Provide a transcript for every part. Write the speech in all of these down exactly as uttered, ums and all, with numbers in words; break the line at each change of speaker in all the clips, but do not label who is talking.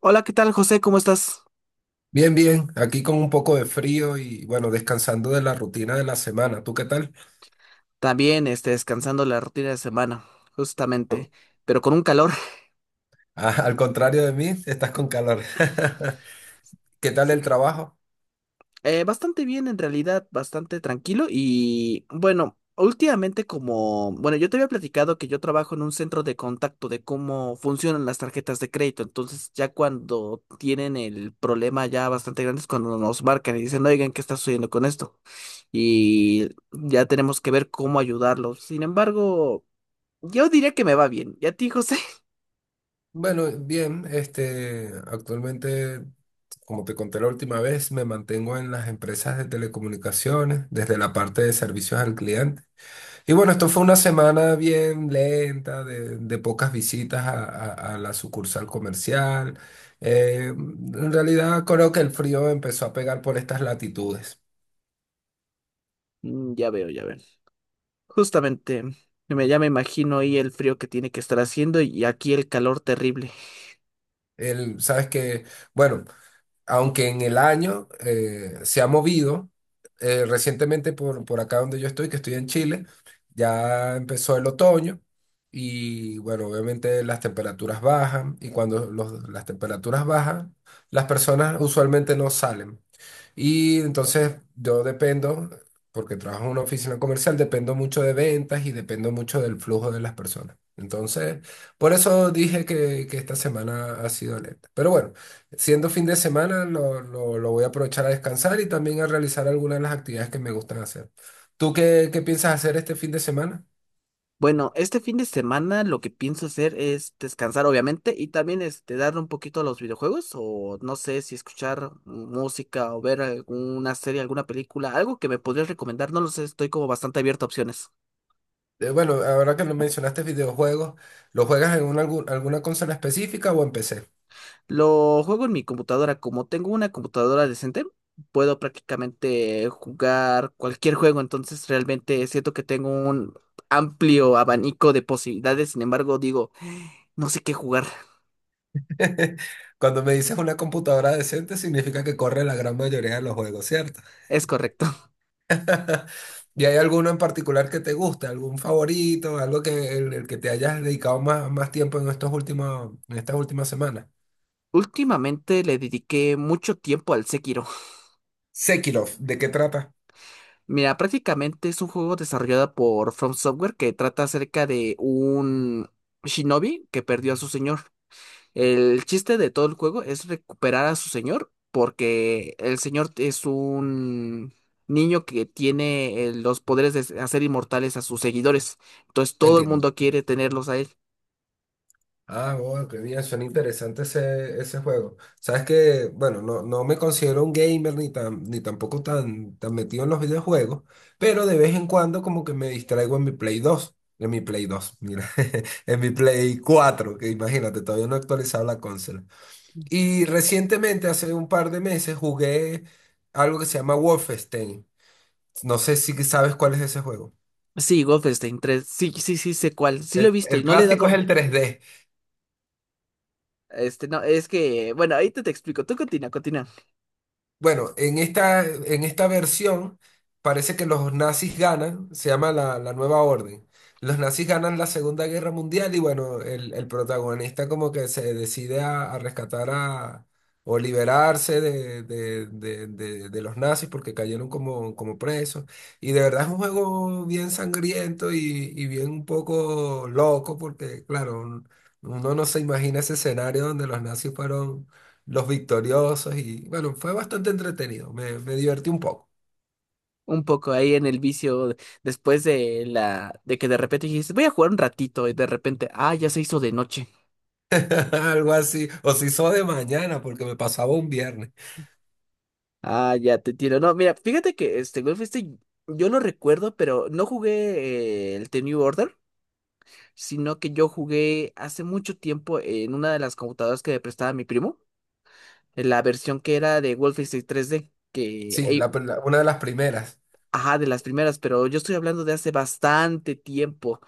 Hola, ¿qué tal, José? ¿Cómo estás?
Bien, bien, aquí con un poco de frío y bueno, descansando de la rutina de la semana. ¿Tú qué tal?
También, este, descansando la rutina de semana, justamente, pero con un calor.
Ah, al contrario de mí, estás con calor. ¿Qué tal el
Sí.
trabajo?
Eh, bastante bien, en realidad, bastante tranquilo y bueno, últimamente como, bueno, yo te había platicado que yo trabajo en un centro de contacto de cómo funcionan las tarjetas de crédito, entonces ya cuando tienen el problema ya bastante grande es cuando nos marcan y dicen, oigan, ¿qué está sucediendo con esto? Y ya tenemos que ver cómo ayudarlos. Sin embargo, yo diría que me va bien. ¿Y a ti, José?
Bueno, bien, este, actualmente, como te conté la última vez, me mantengo en las empresas de telecomunicaciones, desde la parte de servicios al cliente. Y bueno, esto fue una semana bien lenta, de, de pocas visitas a, a- a la sucursal comercial. Eh, en realidad creo que el frío empezó a pegar por estas latitudes.
Mm, ya veo, ya veo. Justamente, me, ya me imagino ahí el frío que tiene que estar haciendo y aquí el calor terrible.
El, sabes que, bueno, aunque en el año eh, se ha movido, eh, recientemente por, por acá donde yo estoy, que estoy en Chile, ya empezó el otoño y bueno, obviamente las temperaturas bajan y cuando los- las temperaturas bajan, las personas usualmente no salen. Y entonces yo dependo, porque trabajo en una oficina comercial, dependo mucho de ventas y dependo mucho del flujo de las personas. Entonces, por eso dije que, que esta semana ha sido lenta. Pero bueno, siendo fin de semana, lo, lo- lo voy a aprovechar a descansar y también a realizar algunas de las actividades que me gustan hacer. ¿Tú qué, qué piensas hacer este fin de semana?
Bueno, este fin de semana lo que pienso hacer es descansar, obviamente, y también este, darle un poquito a los videojuegos, o no sé si escuchar música o ver alguna serie, alguna película, algo que me podrías recomendar, no lo sé, estoy como bastante abierto a opciones.
Eh, bueno, ahora que lo mencionaste videojuegos, ¿lo juegas en una, algu- alguna consola específica o en P C?
Lo juego en mi computadora. Como tengo una computadora decente, puedo prácticamente jugar cualquier juego. Entonces realmente siento que tengo un amplio abanico de posibilidades. Sin embargo, digo, no sé qué jugar.
Cuando me dices una computadora decente, significa que corre la gran mayoría de los juegos, ¿cierto?
Es correcto.
¿Y hay alguno en particular que te guste? ¿Algún favorito? ¿Algo que el, el que te hayas dedicado más, más tiempo en estos últimos, en estas últimas semanas?
Últimamente le dediqué mucho tiempo al Sekiro.
Sekirov, ¿de qué trata?
Mira, prácticamente es un juego desarrollado por From Software que trata acerca de un shinobi que perdió a su señor. El chiste de todo el juego es recuperar a su señor, porque el señor es un niño que tiene eh, los poderes de hacer inmortales a sus seguidores. Entonces todo el
Entiendo.
mundo quiere tenerlos a él.
Ah, bueno, qué bien, suena interesante ese, ese juego. Sabes que, bueno, no, no me considero un gamer ni tan, ni tampoco tan, tan metido en los videojuegos, pero de vez en cuando como que me distraigo en mi Play dos, en mi Play dos, mira, en mi Play cuatro, que imagínate, todavía no he actualizado la consola. Y recientemente, hace un par de meses, jugué algo que se llama Wolfenstein. No sé si sabes cuál es ese juego.
Sí, Wolfenstein tres. Sí, sí, sí, sé cuál. Sí lo he
El,
visto y
el
no le he
clásico es
dado.
el tres D.
Este, no, es que, bueno, ahí te, te explico. Tú continúa, continúa.
Bueno, en esta, en esta versión parece que los nazis ganan, se llama la, la Nueva Orden. Los nazis ganan la Segunda Guerra Mundial y bueno, el, el protagonista como que se decide a, a rescatar a, o liberarse de, de- de- de- de los nazis porque cayeron como, como presos. Y de verdad es un juego bien sangriento y, y bien un poco loco porque claro, un- uno no se imagina ese escenario donde los nazis fueron los victoriosos y bueno, fue bastante entretenido, me, me divertí un poco,
Un poco ahí en el vicio, después de la, de que de repente dijiste, voy a jugar un ratito y de repente, ah, ya se hizo de noche.
algo así, o si hizo de mañana porque me pasaba un viernes,
Ah, ya te entiendo. No, mira, fíjate que este Golf este yo lo recuerdo, pero no jugué eh, el The New Order, sino que yo jugué hace mucho tiempo en una de las computadoras que me prestaba mi primo, en la versión que era de Wolfenstein tres D, que,
sí,
ey,
la, pr- la- una de las primeras.
ajá, de las primeras, pero yo estoy hablando de hace bastante tiempo,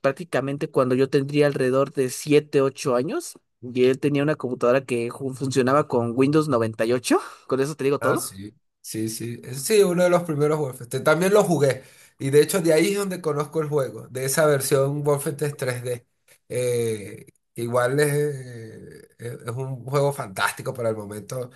prácticamente cuando yo tendría alrededor de siete, ocho años, y él tenía una computadora que ju- funcionaba con Windows noventa y ocho. Con eso te digo
Ah,
todo.
sí, sí, sí, Eh, sí, uno de los primeros Wolfenstein, también lo jugué, y de hecho de ahí es donde conozco el juego, de esa versión Wolfenstein tres D. Eh, Igual es, eh, es es un juego fantástico para el momento,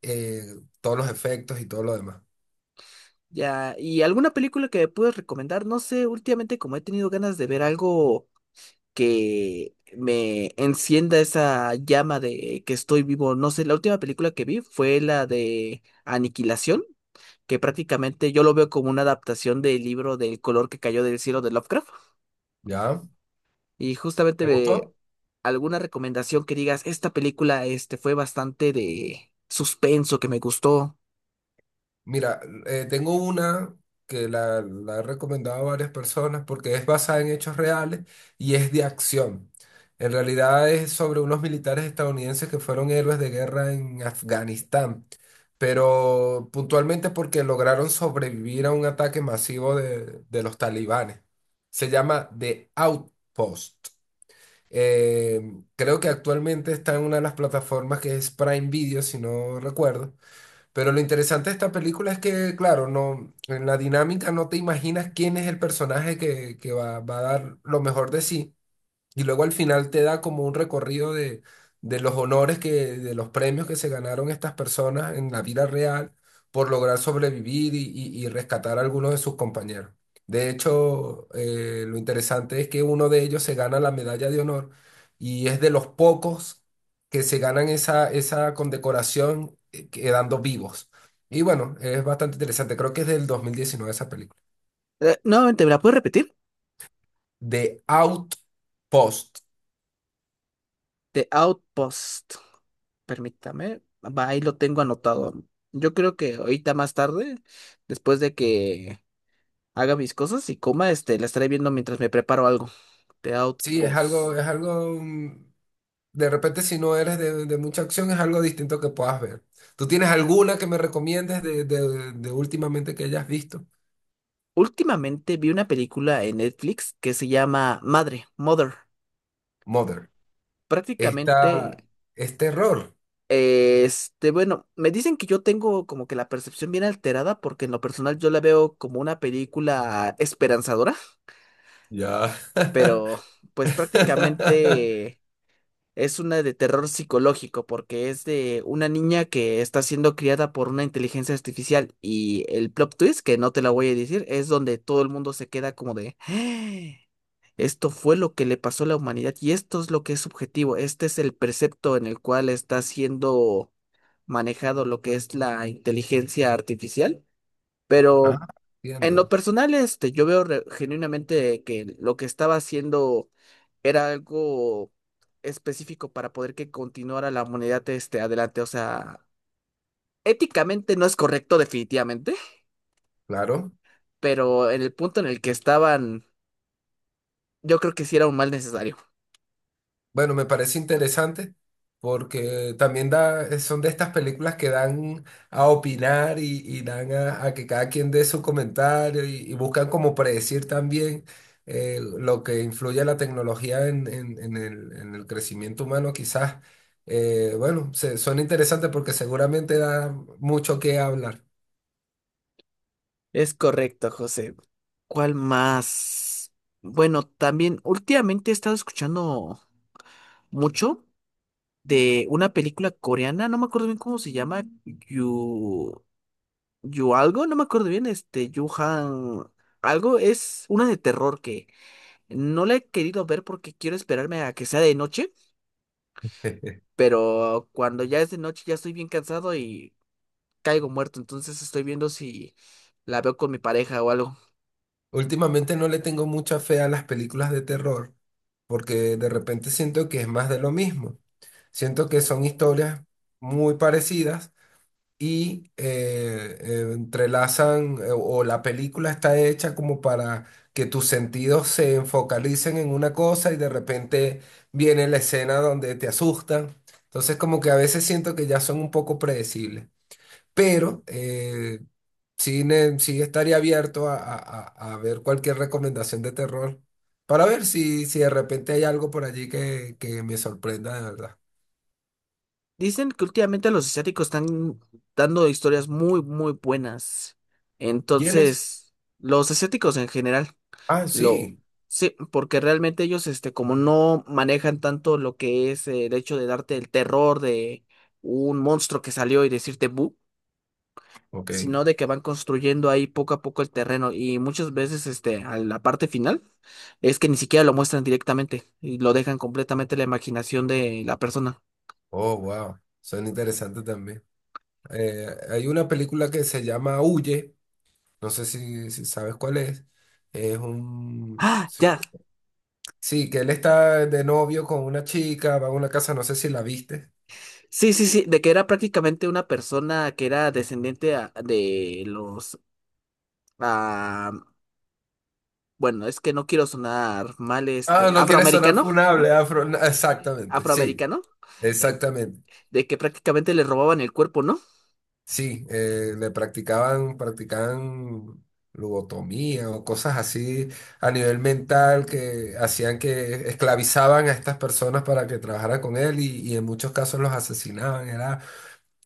eh, todos los efectos y todo lo demás.
Ya, ¿y alguna película que me puedes recomendar? No sé, últimamente como he tenido ganas de ver algo que me encienda esa llama de que estoy vivo, no sé, la última película que vi fue la de Aniquilación, que prácticamente yo lo veo como una adaptación del libro del color que cayó del cielo de Lovecraft.
¿Ya?
Y justamente
¿Te
ve
gustó?
alguna recomendación que digas, esta película este, fue bastante de suspenso, que me gustó.
Mira, eh, tengo una que la, la he recomendado a varias personas porque es basada en hechos reales y es de acción. En realidad es sobre unos militares estadounidenses que fueron héroes de guerra en Afganistán, pero puntualmente porque lograron sobrevivir a un ataque masivo de, de los talibanes. Se llama The Outpost. Eh, Creo que actualmente está en una de las plataformas que es Prime Video, si no recuerdo. Pero lo interesante de esta película es que, claro, no, en la dinámica no te imaginas quién es el personaje que, que va, va a dar lo mejor de sí. Y luego al final te da como un recorrido de, de los honores que, de los premios que se ganaron estas personas en la vida real por lograr sobrevivir y, y- y rescatar a algunos de sus compañeros. De hecho, eh, lo interesante es que uno de ellos se gana la medalla de honor y es de los pocos que se ganan esa, esa condecoración eh, quedando vivos. Y bueno, es bastante interesante. Creo que es del dos mil diecinueve esa película.
Eh, nuevamente, ¿me la puedes repetir?
The Outpost.
The Outpost. Permítame. Va, ahí lo tengo anotado. Yo creo que ahorita más tarde, después de que haga mis cosas y coma, este, la estaré viendo mientras me preparo algo. The
Sí, es
Outpost.
algo, es algo mm, de repente, si no eres de, de mucha acción, es algo distinto que puedas ver. ¿Tú tienes alguna que me recomiendes de, de- de últimamente que hayas visto?
Últimamente vi una película en Netflix que se llama Madre, Mother.
Mother.
Prácticamente,
Esta es terror.
este, bueno, me dicen que yo tengo como que la percepción bien alterada porque en lo personal yo la veo como una película esperanzadora,
Ya.
pero pues prácticamente es una de terror psicológico porque es de una niña que está siendo criada por una inteligencia artificial y el plot twist, que no te la voy a decir, es donde todo el mundo se queda como de, "Ah, esto fue lo que le pasó a la humanidad y esto es lo que es subjetivo, este es el precepto en el cual está siendo manejado lo que es la inteligencia artificial. Pero
Ah,
en lo
entiendo.
personal, este, yo veo re- genuinamente que lo que estaba haciendo era algo específico para poder que continuara la humanidad este, adelante. O sea, éticamente no es correcto definitivamente,
Claro.
pero en el punto en el que estaban, yo creo que sí era un mal necesario.
Bueno, me parece interesante porque también da, eh, son de estas películas que dan a opinar y, y dan a, a que cada quien dé su comentario y, y buscan como predecir también eh, lo que influye la tecnología en, en- en el, en el crecimiento humano quizás. Eh, bueno, se- son interesantes porque seguramente da mucho que hablar.
Es correcto, José. ¿Cuál más? Bueno, también últimamente he estado escuchando mucho de una película coreana, no me acuerdo bien cómo se llama, Yu... Yu algo, no me acuerdo bien, este, Yu Han algo, es una de terror que no la he querido ver porque quiero esperarme a que sea de noche, pero cuando ya es de noche ya estoy bien cansado y caigo muerto, entonces estoy viendo si la veo con mi pareja o algo.
Últimamente no le tengo mucha fe a las películas de terror porque de repente siento que es más de lo mismo. Siento que son historias muy parecidas y eh, eh, entrelazan eh, o la película está hecha como para que tus sentidos se enfocalicen en una cosa y de repente viene la escena donde te asustan. Entonces como que a veces siento que ya son un poco predecibles, pero eh, sí, ne- sí estaría abierto a, a- a- a ver cualquier recomendación de terror para ver si, si de repente hay algo por allí que, que me sorprenda de verdad.
Dicen que últimamente los asiáticos están dando historias muy, muy buenas.
¿Quiénes
Entonces, los asiáticos en general,
Ah,
lo...
sí.
Sí, porque realmente ellos, este, como no manejan tanto lo que es eh, el hecho de darte el terror de un monstruo que salió y decirte bu.
Ok.
Sino de que van construyendo ahí poco a poco el terreno y muchas veces este, a la parte final es que ni siquiera lo muestran directamente y lo dejan completamente a la imaginación de la persona.
Oh, wow. Son interesantes también. Eh, hay una película que se llama Huye. No sé si, si sabes cuál es. Es un...
Ah,
Sí,
ya.
sí, que él está de novio con una chica, va a una casa, no sé si la viste.
Sí, sí, sí, de que era prácticamente una persona que era descendiente a- de los... ah, bueno, es que no quiero sonar mal, este,
Ah, no quiere sonar
afroamericano,
funable, afro. Exactamente, sí,
afroamericano, eh,
exactamente.
de que prácticamente le robaban el cuerpo, ¿no?
Sí, eh, le practicaban, practicaban lobotomía o cosas así a nivel mental que hacían que esclavizaban a estas personas para que trabajaran con él y, y en muchos casos los asesinaban. Era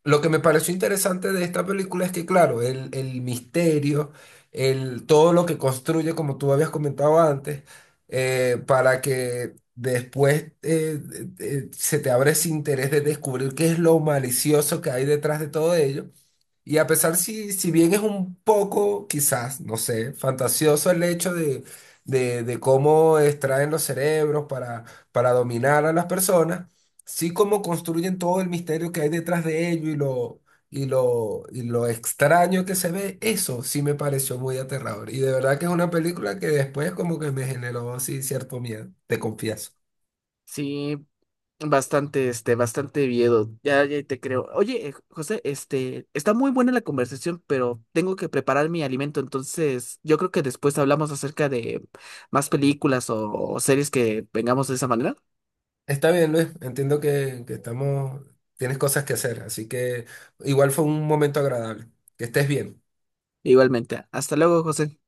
lo que me pareció interesante de esta película es que, claro, el, el misterio, el, todo lo que construye, como tú habías comentado antes, eh, para que después eh, eh, se te abra ese interés de descubrir qué es lo malicioso que hay detrás de todo ello. Y a pesar si, si bien es un poco, quizás, no sé, fantasioso el hecho de, de, de cómo extraen los cerebros para, para dominar a las personas, sí como construyen todo el misterio que hay detrás de ello y lo, y lo, y lo extraño que se ve, eso sí me pareció muy aterrador. Y de verdad que es una película que después como que me generó sí cierto miedo, te confieso.
Sí, bastante, este, bastante miedo. Ya, ya te creo. Oye, eh, José, este, está muy buena la conversación, pero tengo que preparar mi alimento, entonces yo creo que después hablamos acerca de más películas o, o series que vengamos de esa manera.
Está bien, Luis, entiendo que, que estamos, tienes cosas que hacer, así que igual fue un momento agradable. Que estés bien.
Igualmente. Hasta luego, José.